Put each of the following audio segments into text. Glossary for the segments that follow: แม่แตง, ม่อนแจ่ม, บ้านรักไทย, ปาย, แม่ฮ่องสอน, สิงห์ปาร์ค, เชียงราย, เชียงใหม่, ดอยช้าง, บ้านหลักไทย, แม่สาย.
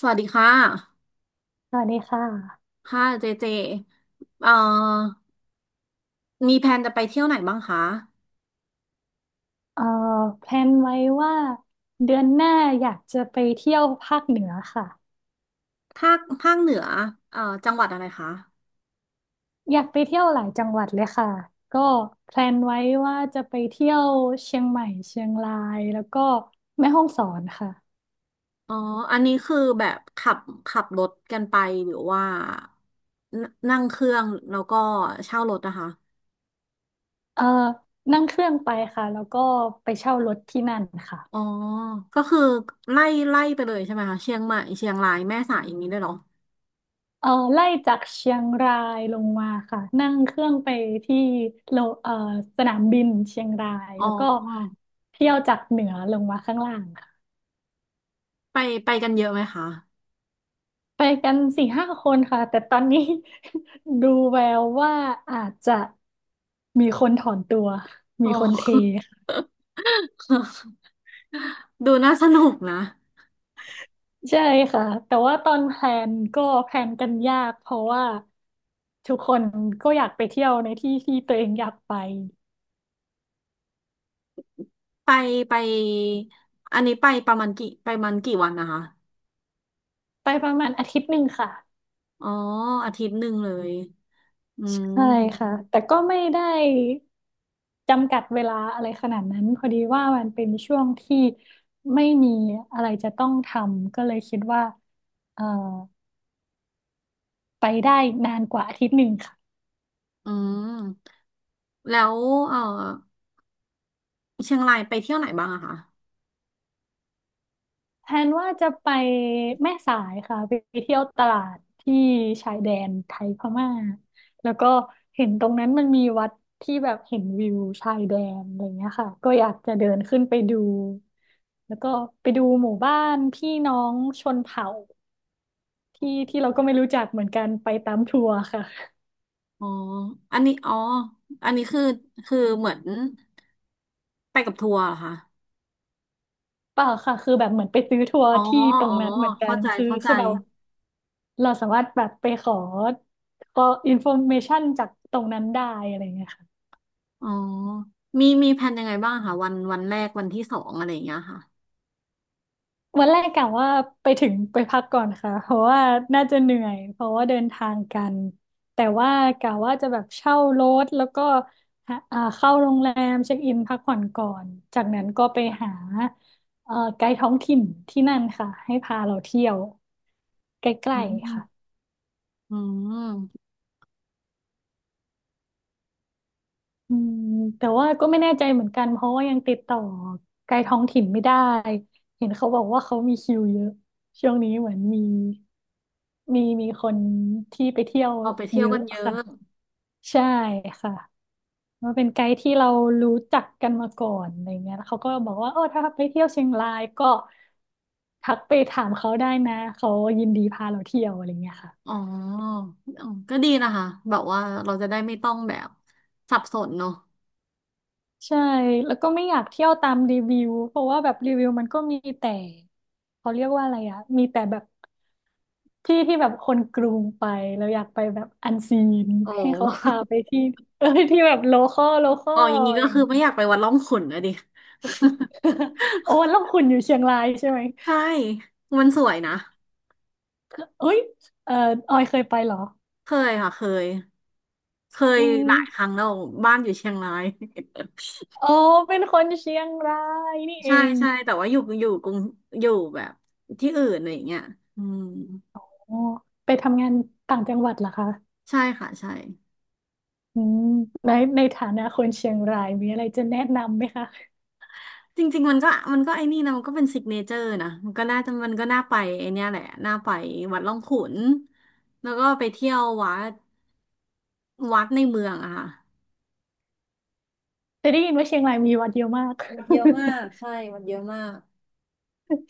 สวัสดีค่ะสวัสดีค่ะค่ะเจเจเอ่อมีแผนจะไปเที่ยวไหนบ้างคะเอ่อแพลนไว้ว่าเดือนหน้าอยากจะไปเที่ยวภาคเหนือค่ะภาคเหนือจังหวัดอะไรคะอยากไปเที่ยวหลายจังหวัดเลยค่ะก็แพลนไว้ว่าจะไปเที่ยวเชียงใหม่เชียงรายแล้วก็แม่ฮ่องสอนค่ะอ๋ออันนี้คือแบบขับรถกันไปหรือว่านั่งเครื่องแล้วก็เช่ารถนะคะเอ่อนั่งเครื่องไปค่ะแล้วก็ไปเช่ารถที่นั่นค่ะอ๋อก็คือไล่ไล่ไปเลยใช่ไหมคะเชียงใหม่เชียงรายแม่สายอย่างนี้ได้วยเหรอไล่จากเชียงรายลงมาค่ะนั่งเครื่องไปที่โลเอ่อสนามบินเชียงรายอ๋อแล้วก็เที่ยวจากเหนือลงมาข้างล่างค่ะ ไปไปกันเยอะไหมคะไปกันสี่ห้าคนค่ะแต่ตอนนี้ ดูแววว่าอาจจะมีคนถอนตัวอ๋มีอ คนเทค่ะ ดูน่าสนุกนะ ใช่ค่ะแต่ว่าตอนแพลนก็แพลนกันยากเพราะว่าทุกคนก็อยากไปเที่ยวในที่ที่ตัวเองอยากไปไปไปอันนี้ไปประมาณกี่ไปประมันกี่วันนะคะไปประมาณอาทิตย์หนึ่งค่ะอ๋ออาทิตย์หนึ่งเลยอืมใช่ค่ะแต่ก็ไม่ได้จำกัดเวลาอะไรขนาดนั้นพอดีว่ามันเป็นช่วงที่ไม่มีอะไรจะต้องทำก็เลยคิดว่าเอ่อ ไปได้นานกว่าอาทิตย์หนึ่งค่ะอืมแล้วเออเชียงรายไปเที่ยวไหนบ้างอะคะแทนว่าจะไปแม่สายค่ะไปเที่ยวตลาดที่ชายแดนไทยพม่าแล้วก็เห็นตรงนั้นมันมีวัดที่แบบเห็นวิวชายแดนอะไรเงี้ยค่ะก็อยากจะเดินขึ้นไปดูแล้วก็ไปดูหมู่บ้านพี่น้องชนเผ่าที่ที่เราก็ไม่รู้จักเหมือนกันไปตามทัวร์ค่ะอ๋ออันนี้อ๋ออันนี้คือคือเหมือนไปกับทัวร์เหรอคะเปล่าค่ะคือแบบเหมือนไปซื้อทัวร์อ๋อที่ตรอ๋งอนั้นเหมือนกัเข้านใจคือเข้าใจคือแบบ เราสามารถแบบไปขอขออินโฟเมชันจากตรงนั้นได้อะไรเงี้ยค่ะอ๋อมีแผนยังไงบ้างคะวันแรกวันที่สองอะไรอย่างเงี้ยค่ะวันแรกกะว่าไปถึงไปพักก่อนค่ะเพราะว่าน่าจะเหนื่อยเพราะว่าเดินทางกันแต่ว่ากะว่าจะแบบเช่ารถแล้วก็หาเข้าโรงแรมเช็คอินพักผ่อนก่อนจากนั้นก็ไปหาไกด์ท้องถิ่นที่นั่นค่ะให้พาเราเที่ยวใกอืล้ๆมค่ะ อืมอืมแต่ว่าก็ไม่แน่ใจเหมือนกันเพราะว่ายังติดต่อไกลท้องถิ่นไม่ได้เห็นเขาบอกว่าเขามีคิวเยอะช่วงนี้เหมือนมีมีคนที่ไปเที่ยวเอาไปเที่เยยวกัอะนเยค่ะอะ ใช่ค่ะมันเป็นไกด์ที่เรารู้จักกันมาก่อนอะไรเงี้ยแล้วเขาก็บอกว่าโอ้ถ้าไปเที่ยวเชียงรายก็ทักไปถามเขาได้นะเขายินดีพาเราเที่ยวอะไรเงี้ยค่ะ อ๋ออ๋อ ก็ดีนะคะ แบบว่าเราจะได้ไม่ต้องแบบสับสนเนาะใช่แล้วก็ไม่อยากเที่ยวตามรีวิวเพราะว่าแบบรีวิวมันก็มีแต่เขาเรียกว่าอะไรอะมีแต่แบบที่ที่แบบคนกรุงไปแล้วอยากไปแบบอันซีนโอให้เขาพา้ ไปที่เออที่แบบโลคอลโลคอ อ๋อลอย่างนี้อะไรก็อคืย่างอไม่งี้ อยากไปวัดร่องขุ่นนะดิ โอ้แล้วคุณอยู่เชียงรายใช่ไหม ใช่ มันสวยนะ เอ้ยเออออยเคยไปเหรอ เคยค่ะเคย เคอืยหลายครั้มงแล้วบ้านอยู่เชียงราย อ๋อเป็นคนเชียงรายนี่ เอใช่งใช่ แต่ว่าอยู่กรุงอยู่แบบที่อื่นอะไรอย่างเงี้ยอืมอ๋อไปทำงานต่างจังหวัดเหรอคะใช่ค่ะใช่ อืมในในฐานะคนเชียงรายมีอะไรจะแนะนำไหมคะ จริงๆมันก็ไอ้นี่นะมันก็เป็น s ิกเนเจอร์นะมันก็น่าไปไอ้เนี่ยแหละน่าไปวัดร่องขุนแล้วก็ไปเที่ยววัดในเมืองอะค่ะแต่ได้ยินว่าเชียงรายมีวัดเยอะมาก วัดเย อะมากใช่วัดเยอะมาก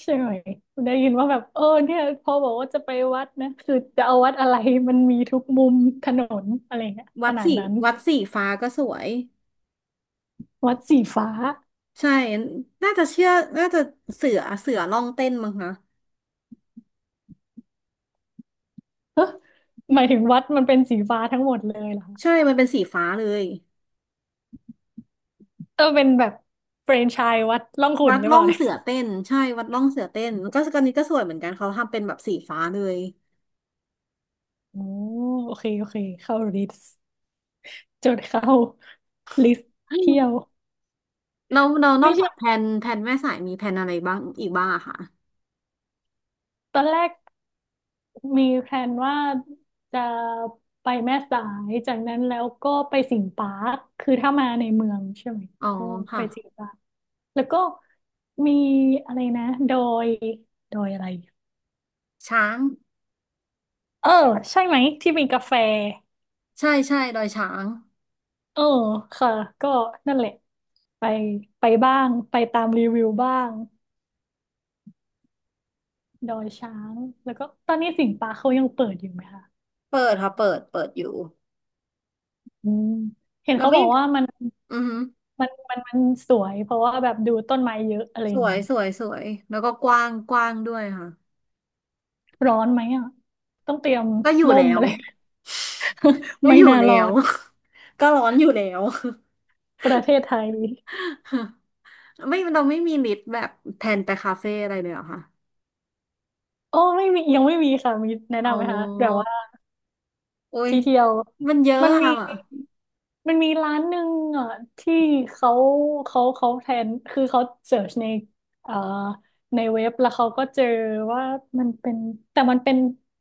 ใช่ไหมได้ยินว่าแบบเออเนี่ยพอบอกว่าจะไปวัดนะคือจะเอาวัดอะไรมันมีทุกมุมถนนอะไรเงี้ยขวัดนาดสีนั้นวัดสีฟ้าก็สวยวัดสีฟ้าใช่น่าจะเชื่อน่าจะเสือร่องเต้นมั้งคะหมายถึงวัดมันเป็นสีฟ้าทั้งหมดเลยเหรอคะใช่มันเป็นสีฟ้าเลยเออเป็นแบบแฟรนไชส์วัดร่องขุ่วันดหรือร่เปอล่างเนี่ยเสือเต้นใช่วัดร่องเสือเต้นก็นนี้ก็สวยเหมือนกันเขาทำเป็นแบบสีฟ้าเลย โอ้โอเคโอเคเข้าลิสต์จดเข้าลิสต์เที่ยวแล้วเรานอไม่กจาใช่กแผนแม่สายมีแผนอะไรบ้างอีกบ้างอะค่ะตอนแรก มีแพลนว่าจะไปแม่สายจากนั้นแล้วก็ไปสิงห์ปาร์คคือถ้ามาในเมืองใช่ไหมอ๋อก็ไปค่ะสิงห์ปาร์คแล้วก็มีอะไรนะดอยดอยอะไรช้างเออใช่ไหมที่มีกาแฟใช่ใช่ดอยช้างเออค่ะก็นั่นแหละไปไปบ้างไปตามรีวิวบ้างดอยช้างแล้วก็ตอนนี้สิงห์ปาร์คเขายังเปิดอยู่ไหมคะเปิดค่ะเปิดอยู่อืมเห็นเราเขาบไม่อกว่ามันอือหือมันมันมันสวยเพราะว่าแบบดูต้นไม้เยอะอะไรสอย่างวยนี้ สวยสวยแล้วก็กว้างด้วยค่ะร้อนไหมอ่ะต้องเตรียมก็อยู่ร่แล้มอะว ไร ก็ไม่อยู่น่าแล้รอว ด ก็ร้อนอยู่แล้ว ประเทศไทย ไม่เราไม่มีลิสต์แบบแผนไปคาเฟ่อะไรเลยเหรอคะโอ้ไม่มียังไม่มีค่ะ มีแนะอ๋อนำไหมคะ แบบว่าโอ้ยที่เที่ยวมันเยอะมันมีอะมีร้านหนึ่งอ่ะที่เขาเขาแทน คือเขาเสิร์ชในเอ่อในเว็บแล้วเขาก็เจอว่ามันเป็น แต่มันเป็น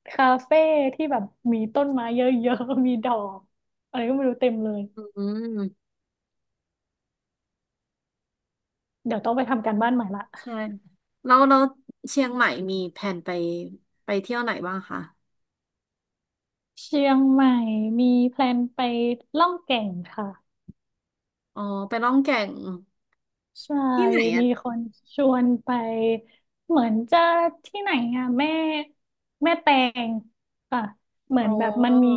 คาเฟ่ที่แบบมีต้นไม้เยอะๆ มีดอกอะไรก็ไม่รู้เต็มเลย อืม เดี๋ยวต้องไปทำการบ้านใหม่ละ ใช่แล้วเชียงใหม่มีแผนไปเที่ยวไหนบ้างคะเชียงใหม่มีแพลนไปล่องแก่งค่ะอ๋อไปล่องแก่งใช่ที่ไหนอ่ะมีคนชวนไปเหมือนจะที่ไหนอ่ะแม่แตงค่ะเหมือ๋ออนแบบมันมี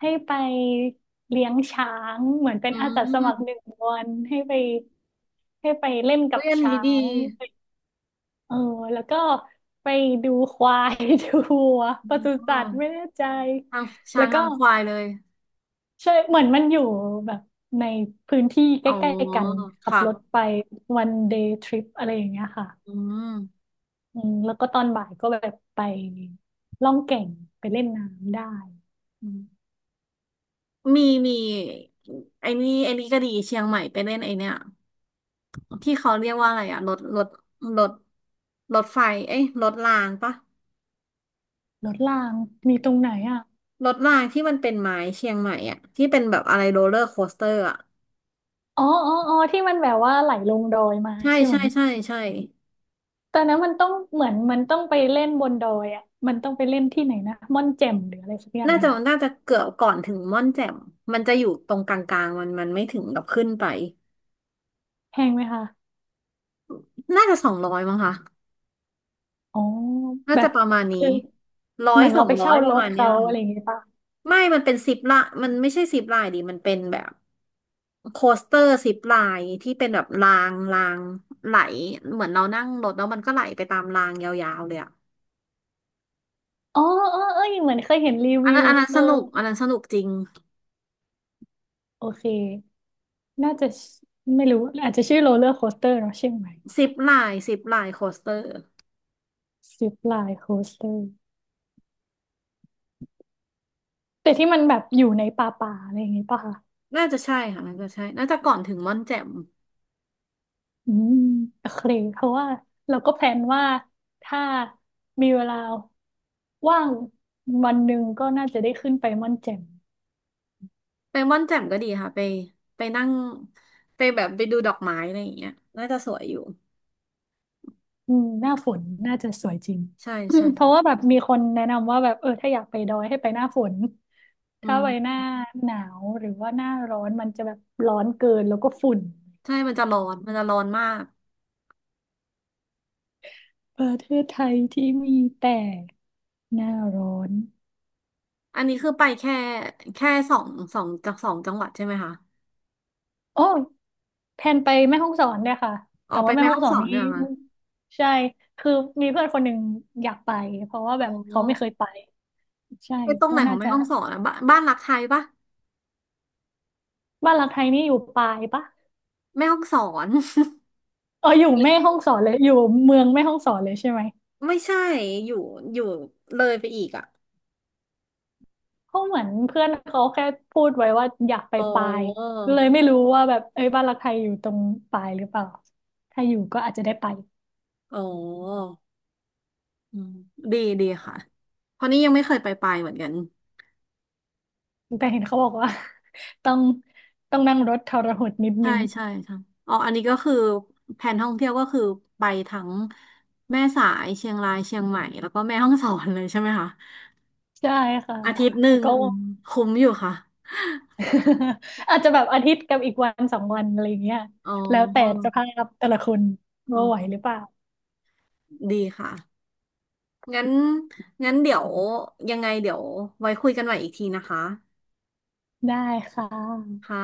ให้ไปเลี้ยงช้างเหมือนเป็นอือาสาสมัครหนึ่มงวันให้ไปเล่นกัเฮ้ยบอันนี้ช้าดีงเออแล้วก็ไปดูควาย ดูวัวปศุอ๋อสัตว์ไม่แน่ใจทางแล้ช้าวงก็ ทางควายเลยใช่เหมือนมันอยู่แบบในพื้นที่ใกอ๋อล้ๆกันขับค่ะรถไปวันเดย์ทริปอะไรอย่างเงี้ยค่ะอืมอืมแล้วก็ตอนบ่ายก็แบบไปล่องแก่งไปเล่นน้ำได้อืมมีไอ้นี่ก็ดีเชียงใหม่ไปเล่นไอ้เนี่ยที่เขาเรียกว่าอะไรอะรถรถไฟเอ้ยรถรางปะรถรางมีตรงไหนอ่ะรถรางที่มันเป็นไม้เชียงใหม่อะที่เป็นแบบอะไรโรลเลอร์โคสเตอร์อะ อ๋ออ๋ออ๋อที่มันแบบว่าไหลลงดอยมาใช่ใช่ไหมใช่ใช่ใช่ตอนนั้นมันต้องเหมือนมันต้องไปเล่นบนดอยอ่ะมันต้องไปเล่นที่ไหนนะม่อนแจ่มหรืออะไรสักอย่างน่าหจะนึ่งน่าจะเกือบก่อนถึงม่อนแจ่มมันจะอยู่ตรงกลางๆมันไม่ถึงกับขึ้นไปแพงไหมคะน่าจะสองร้อยมั้งคะอ๋อน่าแบจะบประมาณนี้คือร้อเหยมือนสเราองไปร้อยเช่าปรระถมาณเนี้ยเขาอะค่ะไรอย่างเงี้ยปะ ไม่มันเป็นซิปละมันไม่ใช่ซิปลายดิมันเป็นแบบโคสเตอร์ซิปลายที่เป็นแบบรางไหลเหมือนเรานั่งรถแล้วมันก็ไหลไปตามรางยาวๆเลยอะอ๋อเออเออเหมือนเคยเห็นรีอันวินั้วนอันนั้นเอสอนุกอันนั้นสนุกจริงโอเค น่าจะไม่รู้ อาจจะชื่อโรลเลอร์โคสเตอร์เนาะใช่ไหมซิปลายโคสเตอร์ ซิปไลน์โคสเตอร์แต่ที่มันแบบอยู่ในป่าป่าอะไรอย่างงี้ป่ะคะน่าจะใช่น่าจะก่อนถึงม่อนแจ่มอืมโอเค เพราะว่าเราก็แพลนว่าถ้ามีเวลาว่างวันหนึ่งก็น่าจะได้ขึ้นไปม่อนแจ่มไปม่อนแจ่มก็ดีค่ะไปนั่งไปแบบไปดูดอกไม้อะไรอย่างเงี้ยน่าจะสวยอยู่อืมหน้าฝนน่าจะสวยจริง ใช่ใช่ เพราะว่าแบบมีคนแนะนำว่าแบบเออถ้าอยากไปดอยให้ไปหน้าฝน อืถ้าไปหมน้าหนาวหรือว่าหน้าร้อนมันจะแบบร้อนเกินแล้วก็ฝุ่นใช่มันจะร้อนมากประเทศไทยที่มีแต่หน้าร้อนอันนี้คือไปแค่แค่สองสองจากสองจังหวัดใช่ไหมคะโอ้อแพลนไปแม่ฮ่องสอนเนี่ยค่ะอแต่อกไปว่าแม่แม่ฮ่อฮ่งองสอสนอนนี้เนี่ยเหรอค่ะใช่คือมีเพื่อนคนหนึ่งอยากไปเพราะว่าแบอ๋อบเขาไม่เคยไปใช่ไปตรงไหก็นขอน่างแม่จะฮ่องสอนอะบ้านรักไทยปะบ้านหลักไทยนี่อยู่ปายปะแม่ฮ่องสอน เอออยู่แม่ฮ่องสอนเลยอยู่เมืองแม่ฮ่องสอนเลยใช่ไหม ไม่ใช่อยู่อยู่เลยไปอีกอ่ะเขาเหมือนเพื่อนเขาแค่พูดไว้ว่าอยากไปอ๋ปลายอก็เลยไม่รู้ว่าแบบเอ้ยบ้านรักไทยอยู่ตรงปลายหรือเปล่าถ้าอยู่ก็อาจจะได้ไปอ๋อ อืมดีค่ะเพราะนี่ยังไม่เคยไปไปเหมือนกันแต่เห็นเขาบอกว่า ต้องต้องนั่งรถทรหดนิดใช่นึงใช่ใช่อ๋ออันนี้ก็คือแผนท่องเที่ยวก็คือไปทั้งแม่สายเชียงรายเชียงใหม่แล้วก็แม่ฮ่องสอนเลยใช่ไหมคะใช่ค่ะอาทิตย์หนึ่แล้วงก็ อืมคุ้มอยู่ค่ะ อาจจะแบบอาทิตย์กับอีกวันสองวันอะไรอย่างเงี้ยอ๋อแล้วแต่สภาพแต่ละคนอ๋ว่าไหวอหรือเปล่าดีค่ะงั้นงั้นเดี๋ยวยังไงเดี๋ยวไว้คุยกันใหม่อีกทีนะคะได้ค่ะค่ะ